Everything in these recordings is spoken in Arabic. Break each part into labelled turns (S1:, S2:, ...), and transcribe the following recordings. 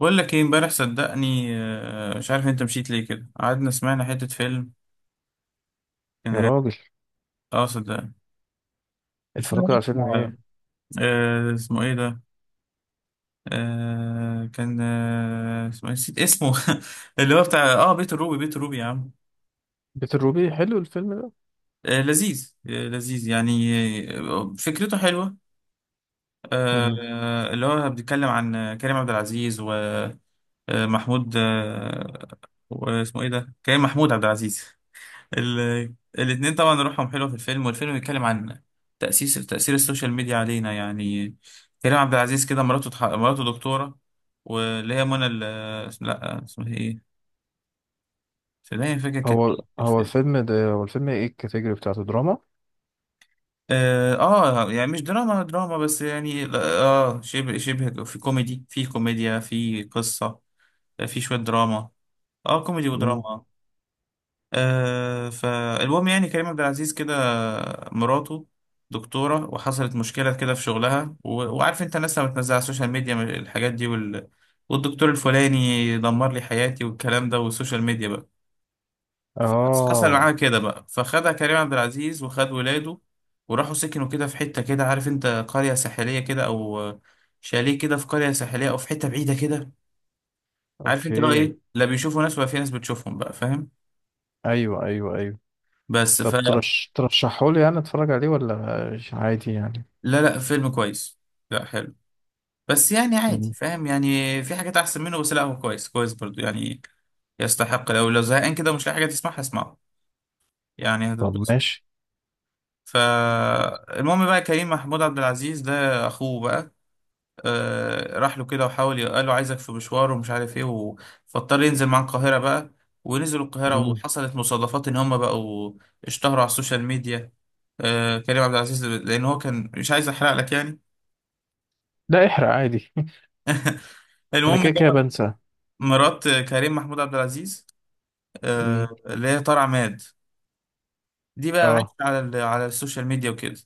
S1: بقول لك ايه امبارح صدقني، مش عارف انت مشيت ليه كده. قعدنا سمعنا حتة فيلم. كان
S2: يا
S1: رايق.
S2: راجل،
S1: اه صدقني. الفيلم
S2: اتفرجت
S1: ده
S2: على فيلم
S1: اسمه
S2: ايه؟
S1: اسمه ايه ده؟ آه، كان آه، اسمه إيه؟ نسيت اسمه. اللي هو بتاع بيت الروبي. بيت الروبي يا عم.
S2: بيت الروبي حلو الفيلم ده.
S1: لذيذ، لذيذ يعني. فكرته حلوة.
S2: مم.
S1: اللي هو بيتكلم عن كريم عبد العزيز ومحمود. واسمه ايه ده؟ كريم محمود عبد العزيز. ال... الاتنين طبعا روحهم حلوة في الفيلم. والفيلم بيتكلم عن تأثير السوشيال ميديا علينا يعني. كريم عبد العزيز كده مراته مراته دكتورة، واللي هي منى لا اسمها ايه؟ فدايما فاكر كانت
S2: هو
S1: مين في
S2: هو
S1: الفيلم.
S2: الفيلم ده هو الفيلم ايه الكاتيجوري بتاعته، دراما؟
S1: اه، يعني مش دراما دراما بس يعني لا، اه شبه في كوميدي، في كوميديا، في قصة، في شوية دراما. اه كوميدي
S2: مم.
S1: ودراما. فالمهم يعني كريم عبد العزيز كده مراته دكتورة، وحصلت مشكلة كده في شغلها وعارف انت الناس لما بتنزل على السوشيال ميديا من الحاجات دي والدكتور الفلاني دمر لي حياتي والكلام ده والسوشيال ميديا بقى. حصل
S2: اه.
S1: معاها كده بقى، فخدها كريم عبد العزيز وخد ولاده، وراحوا سكنوا كده في حتة كده، عارف انت، قرية ساحلية كده او شاليه كده في قرية ساحلية او في حتة بعيدة كده. عارف انت لو
S2: اوكي.
S1: ايه، لا بيشوفوا ناس ولا في ناس بتشوفهم بقى، فاهم؟
S2: ايوه ايوه ايوه.
S1: بس
S2: طب ترشحه لي يعني اتفرج عليه ولا عادي يعني؟
S1: لا لا، فيلم كويس. لا حلو. بس يعني عادي،
S2: مم.
S1: فاهم؟ يعني في حاجات احسن منه، بس لا هو كويس كويس برضو يعني. يستحق، لو زهقان كده مش لاقي حاجه تسمعها اسمعه. يعني
S2: طب
S1: هتتبسط.
S2: ماشي.
S1: فالمهم بقى كريم محمود عبد العزيز ده اخوه بقى، آه راح له كده وحاول قال له عايزك في مشوار ومش عارف ايه فاضطر ينزل مع القاهره بقى. ونزلوا القاهره
S2: مم.
S1: وحصلت مصادفات ان هم بقوا اشتهروا على السوشيال ميديا. آه كريم عبد العزيز لان هو كان مش عايز احرق لك يعني.
S2: لا احرق عادي. انا
S1: المهم،
S2: كده كده بنسى.
S1: مرات كريم محمود عبد العزيز،
S2: مم.
S1: اللي هي طار عماد، دي بقى عايشه
S2: اه.
S1: على على السوشيال ميديا وكده.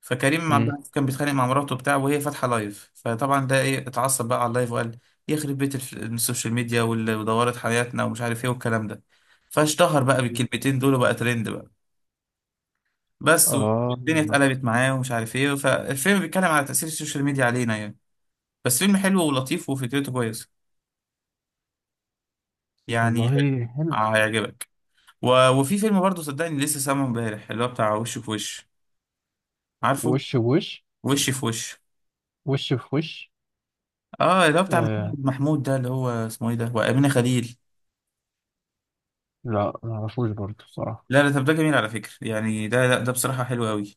S1: فكريم عبد
S2: مم.
S1: العزيز كان بيتخانق مع مراته بتاعه وهي فاتحه لايف، فطبعا ده ايه اتعصب بقى على اللايف وقال يخرب بيت السوشيال ميديا واللي ودورت حياتنا ومش عارف ايه والكلام ده. فاشتهر بقى بالكلمتين دول وبقى ترند بقى بس. والدنيا
S2: اه.
S1: اتقلبت معاه ومش عارف ايه. فالفيلم بيتكلم على تأثير السوشيال ميديا علينا يعني. بس فيلم حلو ولطيف وفكرته كويسه. يعني حلو.
S2: والله حلو.
S1: هيعجبك. وفي فيلم برضه صدقني لسه سامعه امبارح اللي هو بتاع وش في وش، عارفه؟
S2: وش بوش.
S1: وش في وش.
S2: وش في وش.
S1: اه اللي هو بتاع
S2: آه،
S1: محمد محمود ده، اللي هو اسمه ايه ده، وأمينة خليل.
S2: لا ما اعرفوش برضه الصراحة.
S1: لا لا طب ده جميل على فكرة يعني، ده لا ده بصراحة حلو قوي.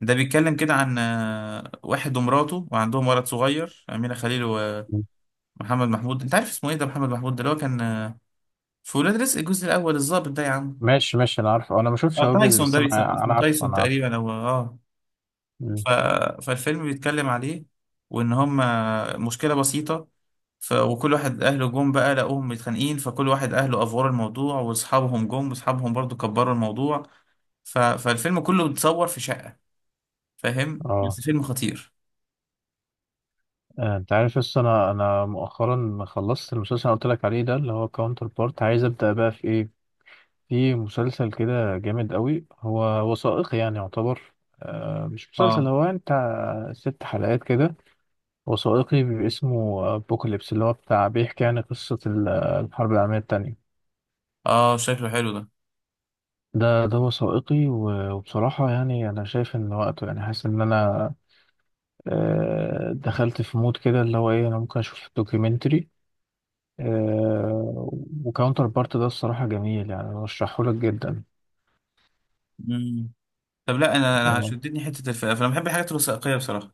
S1: ده بيتكلم كده عن واحد ومراته وعندهم ولد صغير، أمينة خليل ومحمد محمود. انت عارف اسمه ايه ده؟ محمد محمود ده اللي هو كان في ولاد رزق الجزء الأول الضابط ده يا عم.
S2: ماشي ماشي، انا عارف، انا ما شفتش
S1: اه
S2: هواجز
S1: تايسون
S2: بس
S1: ده بيسموه،
S2: انا
S1: اسمه
S2: عارف
S1: تايسون
S2: انا عارف.
S1: تقريبا او اه.
S2: مم.
S1: ف... فالفيلم بيتكلم عليه، وان هم مشكله بسيطه. وكل واحد اهله جم بقى لقوهم متخانقين، فكل واحد اهله افوروا الموضوع، واصحابهم جم واصحابهم برضو كبروا الموضوع. فالفيلم كله بيتصور في شقه، فاهم؟
S2: اه.
S1: بس فيلم خطير.
S2: انت عارف، بس انا مؤخرا خلصت المسلسل اللي قلت لك عليه ده، اللي هو كاونتر بارت. عايز ابدا بقى في ايه؟ في مسلسل كده جامد قوي، هو وثائقي يعني يعتبر. مش مسلسل،
S1: اه
S2: هو انت، 6 حلقات كده، وثائقي، بيبقى اسمه بوكاليبس اللي هو بتاع، بيحكي يعني قصة الحرب العالمية التانية.
S1: اه شكله حلو ده.
S2: ده وثائقي، وبصراحة يعني أنا شايف إن وقته، يعني حاسس إن أنا دخلت في مود كده، اللي هو ايه، انا ممكن اشوف دوكيومنتري. آه، وكاونتر بارت ده الصراحة جميل، يعني برشحه لك جدا.
S1: مم. طب لا انا
S2: آه،
S1: شدتني حته الفئه، فانا بحب الحاجات الوثائقيه بصراحه.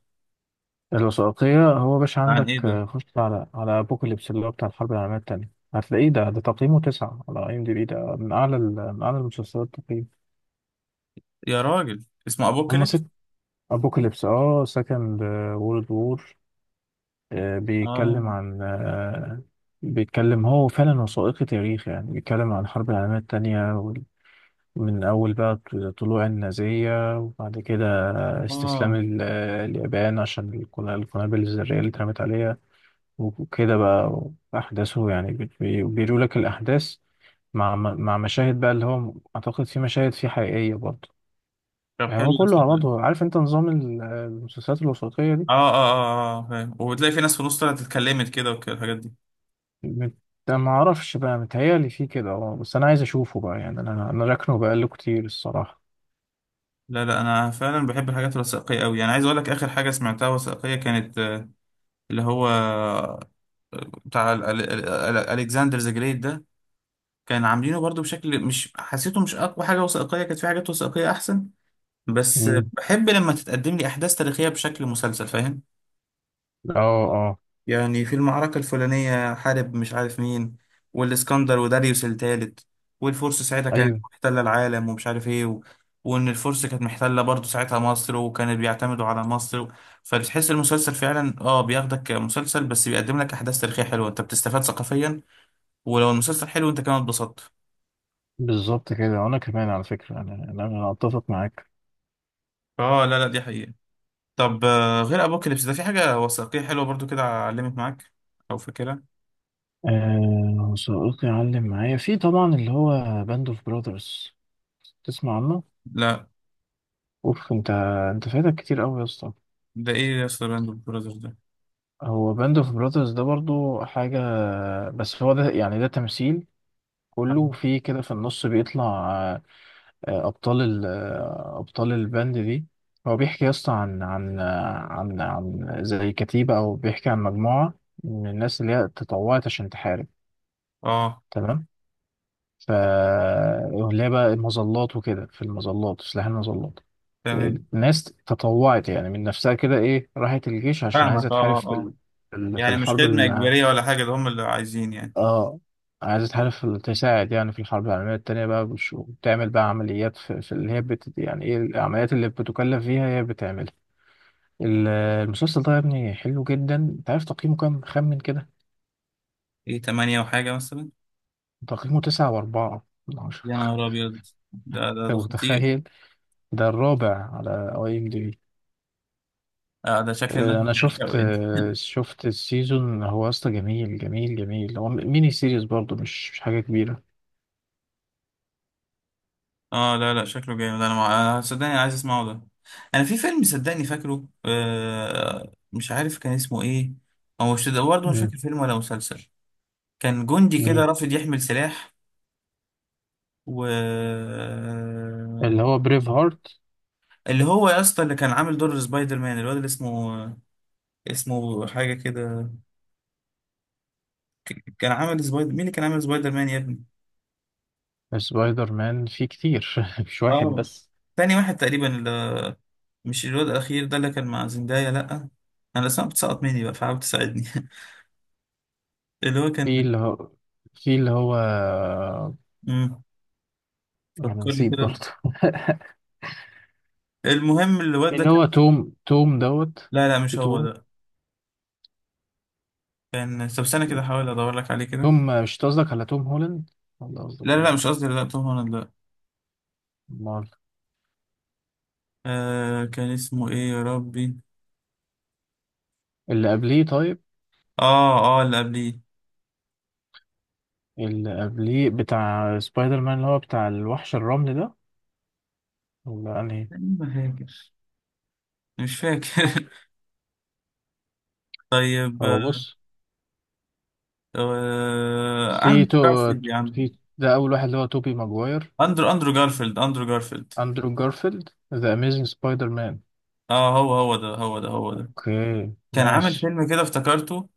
S2: الوثائقية هو باش
S1: عن ايه
S2: عندك.
S1: ده؟
S2: خش على ابوكاليبس اللي هو بتاع الحرب العالمية التانية، هتلاقيه ده ده تقييمه 9 على IMDB، ده من اعلى من اعلى المسلسلات تقييم.
S1: يا راجل اسمه
S2: هما
S1: ابوكاليبس.
S2: 6. ابوكاليبس، سكند وورلد وور. بيتكلم
S1: اه
S2: عن، بيتكلم هو فعلا وثائقي تاريخ يعني، بيتكلم عن الحرب العالمية التانية من أول بقى طلوع النازية، وبعد كده استسلام
S1: اه.
S2: اليابان عشان القنابل الذرية اللي اترمت عليها، وكده بقى. أحداثه يعني، بيقولوا لك الأحداث مع مشاهد بقى، اللي هو أعتقد في مشاهد فيه حقيقية برضه،
S1: طب
S2: يعني هو
S1: حلو
S2: كله على
S1: ده.
S2: بعضه، عارف أنت نظام المسلسلات الوثائقية دي.
S1: اه اه اه اه فاهم. وبتلاقي في ناس في النص طلعت اتكلمت كده وكده، الحاجات دي.
S2: مت- ما أعرفش بقى، متهيألي فيه كده، بس أنا عايز أشوفه بقى، يعني أنا أنا راكنه بقاله كتير الصراحة.
S1: لا لا انا فعلا بحب الحاجات الوثائقيه قوي يعني. عايز اقول لك اخر حاجه سمعتها وثائقيه كانت اللي هو بتاع الكسندر ذا جريت ده. كان عاملينه برضو بشكل مش حسيته مش اقوى حاجه وثائقيه. كانت في حاجات وثائقيه احسن. بس
S2: مم.
S1: بحب لما تتقدم لي احداث تاريخيه بشكل مسلسل، فاهم؟
S2: أه. أه.
S1: يعني في المعركة الفلانية حارب مش عارف مين، والإسكندر وداريوس التالت، والفرس ساعتها كانت
S2: أيوه.
S1: محتلة العالم ومش عارف إيه وإن الفرس كانت محتلة برضه ساعتها مصر وكانوا بيعتمدوا على مصر فبتحس المسلسل فعلا آه بياخدك كمسلسل بس بيقدم لك أحداث تاريخية حلوة، أنت بتستفاد ثقافيا. ولو المسلسل حلو أنت كمان اتبسطت.
S2: بالظبط كده، وانا كمان على فكره، انا انا أنا اتفق معاك.
S1: آه لا لا دي حقيقة. طب غير أبوكاليبس ده في حاجة وثائقية حلوة برضه كده علمت معاك أو فاكرها؟
S2: صديقي علم معايا، في طبعا اللي هو باند اوف براذرز. تسمع عنه؟
S1: لا،
S2: اوف، انت، انت فايتك كتير قوي يا اسطى.
S1: ده إيه يا اسطى براندو براذرز ده؟
S2: هو باند اوف براذرز ده برضو حاجه، بس هو ده يعني ده تمثيل، كله في كده، في النص بيطلع، آه، آه، ابطال ال- آه، ابطال الباند دي. هو بيحكي يا اسطى عن عن زي كتيبه، او بيحكي عن مجموعه من الناس اللي هي تطوعت عشان تحارب.
S1: آه
S2: تمام. ف اللي هي بقى المظلات وكده، في المظلات، سلاح المظلات.
S1: تمام.
S2: الناس تطوعت يعني من نفسها كده ايه، راحت الجيش عشان عايزه
S1: فاهمك
S2: تحارب
S1: اه اه
S2: في
S1: اه.
S2: في
S1: يعني مش
S2: الحرب
S1: خدمة إجبارية ولا حاجة، ده هم اللي عايزين يعني.
S2: اه، عايزه تحارب في تساعد يعني في الحرب العالميه التانيه بقى، وبتعمل بقى عمليات، في, في اللي هي يعني ايه، العمليات اللي بتكلف فيها هي بتعملها. المسلسل ده يا ابني حلو جدا، انت عارف تقييمه كام؟ خمن كده.
S1: إيه تمانية وحاجة مثلا؟
S2: تقييمه 9.4 من 10.
S1: يا نهار أبيض. ده
S2: أنت
S1: خطير.
S2: متخيل؟ ده الرابع على IMDB.
S1: آه ده شكل الناس
S2: انا
S1: بتعشقه يعني.
S2: شفت السيزون، هو اصلا جميل جميل جميل، هو ميني سيريز برضو، مش حاجه كبيره.
S1: اه لا لا شكله جامد. أنا مع... أنا صدقني عايز أسمعه ده. أنا في فيلم صدقني فاكره، آه مش عارف كان اسمه إيه. هو مش ده برضه، مش
S2: مم.
S1: فاكر فيلم ولا مسلسل. كان جندي كده
S2: مم.
S1: رافض يحمل سلاح و.
S2: اللي هو بريف هارت.
S1: اللي هو يا اسطى اللي كان عامل دور سبايدر مان، الواد اللي اسمه، اسمه حاجة كده. كان عمل سبايدر مين، اللي كان عامل سبايدر مان يا ابني.
S2: سبايدر مان فيه كتير، مش واحد
S1: اه
S2: بس.
S1: تاني واحد تقريبا اللي... مش الواد الأخير ده اللي كان مع زندايا لأ. أنا الأسماء بتسقط مني بقى فحاول تساعدني. اللي هو
S2: في
S1: كان،
S2: اللي هو في اللي هو،
S1: مم،
S2: انا
S1: فكرني
S2: نسيت
S1: كده
S2: برضو.
S1: المهم الواد
S2: في
S1: ده
S2: اللي
S1: كان.
S2: هو توم دوت.
S1: لا لا
S2: في
S1: مش هو
S2: توم.
S1: ده. كان طب استنى كده أحاول أدور لك عليه كده.
S2: توم، مش قصدك على توم هولاند ولا قصدك
S1: لا لا
S2: على
S1: لا مش
S2: مين؟
S1: قصدي، لا توم هولاند لا.
S2: امال.
S1: آه كان اسمه إيه يا ربي؟
S2: اللي قبليه طيب.
S1: آه آه اللي قبليه.
S2: اللي قبليه بتاع سبايدر مان اللي هو بتاع الوحش الرمل ده، ولا انهي؟
S1: تقريباً هاجر، مش فاكر. طيب
S2: هو
S1: آه.
S2: بص. في
S1: عندك
S2: تو
S1: جارفيلد يا عم.
S2: في ده اول واحد اللي هو توبي ماجواير.
S1: اندرو جارفيلد، اندرو جارفيلد.
S2: اندرو جارفيلد، ذا اميزنج سبايدر مان.
S1: اه هو ده.
S2: اوكي.
S1: كان عامل
S2: ماشي.
S1: فيلم كده افتكرته.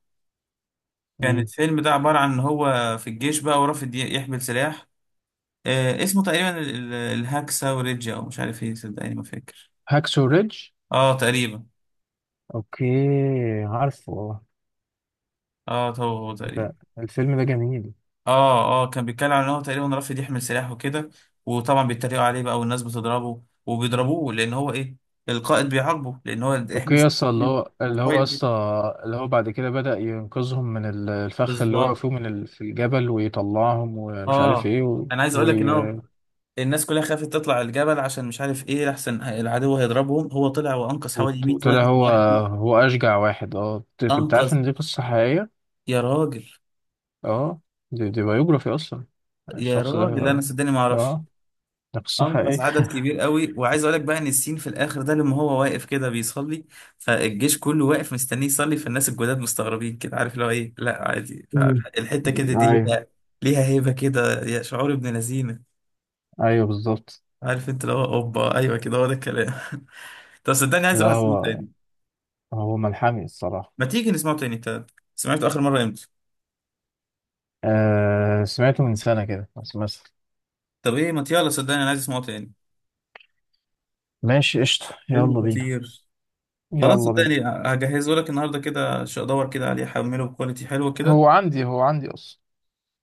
S1: كان
S2: مم.
S1: الفيلم ده عبارة عن ان هو في الجيش بقى ورافض يحمل سلاح. آه اسمه تقريبا الهاكسا وريجيا او مش عارف ايه، صدقني ما فاكر.
S2: هاكسو ريدج.
S1: اه تقريبا.
S2: اوكي. عارفه.
S1: اه هو هو تقريبا.
S2: ده الفيلم ده جميل.
S1: اه اه كان بيتكلم عن ان هو تقريبا رافض يحمل سلاح وكده. وطبعا بيتريقوا عليه بقى، والناس بتضربه وبيضربوه لان هو ايه، القائد بيعاقبه لان هو
S2: اوكي
S1: يحمل
S2: يا
S1: سلاح.
S2: اسطى، اللي هو يا
S1: وقائد
S2: اسطى،
S1: إيه؟
S2: اللي هو بعد كده بدأ ينقذهم من الفخ اللي وقعوا
S1: بالظبط.
S2: فيه من في الجبل، ويطلعهم، ومش عارف
S1: اه
S2: ايه
S1: انا عايز اقول لك ان هو
S2: وي...
S1: الناس كلها خافت تطلع الجبل عشان مش عارف ايه لحسن العدو هيضربهم. هو طلع وانقذ حوالي 100
S2: وطلع
S1: واحد
S2: هو،
S1: لوحده.
S2: هو اشجع واحد. اه، أنت عارف
S1: انقذ.
S2: ان دي قصة حقيقية.
S1: يا راجل.
S2: اه، دي بايوجرافي اصلا
S1: يا
S2: الشخص ده.
S1: راجل انا صدقني ما اعرفش.
S2: اه، ده قصة حقيقية.
S1: انقذ عدد كبير قوي. وعايز اقول لك بقى ان السين في الاخر ده لما هو واقف كده بيصلي، فالجيش كله واقف مستنيه يصلي، فالناس الجداد مستغربين كده، عارف اللي هو ايه، لا عادي.
S2: مم.
S1: فالحته كده دي
S2: ايوه،
S1: ليها، ليها هيبه كده، يا شعور ابن لذينه.
S2: ايوه بالظبط.
S1: عارف انت اللي هو اوبا، ايوه كده هو ده الكلام. طب صدقني عايز
S2: ده
S1: اروح اسمعه
S2: هو،
S1: تاني.
S2: هو ملحمي الصراحة.
S1: ما تيجي نسمعه تاني انت. سمعته اخر مره امتى؟
S2: آه، سمعته من سنة كده بس مثلا.
S1: طب ايه ما يلا صدقني انا عايز اسمعه تاني.
S2: ماشي قشطة،
S1: فيلم
S2: يلا بينا.
S1: خطير. خلاص
S2: يلا بينا.
S1: صدقني هجهزه لك النهارده كده. ادور كده عليه احمله بكواليتي حلوه كده.
S2: هو عندي، هو عندي اصلا.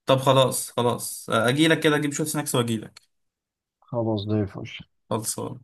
S1: طب خلاص خلاص اجي لك كده، اجيب شويه سناكس واجي لك.
S2: خلاص، زي الفل.
S1: خلصان.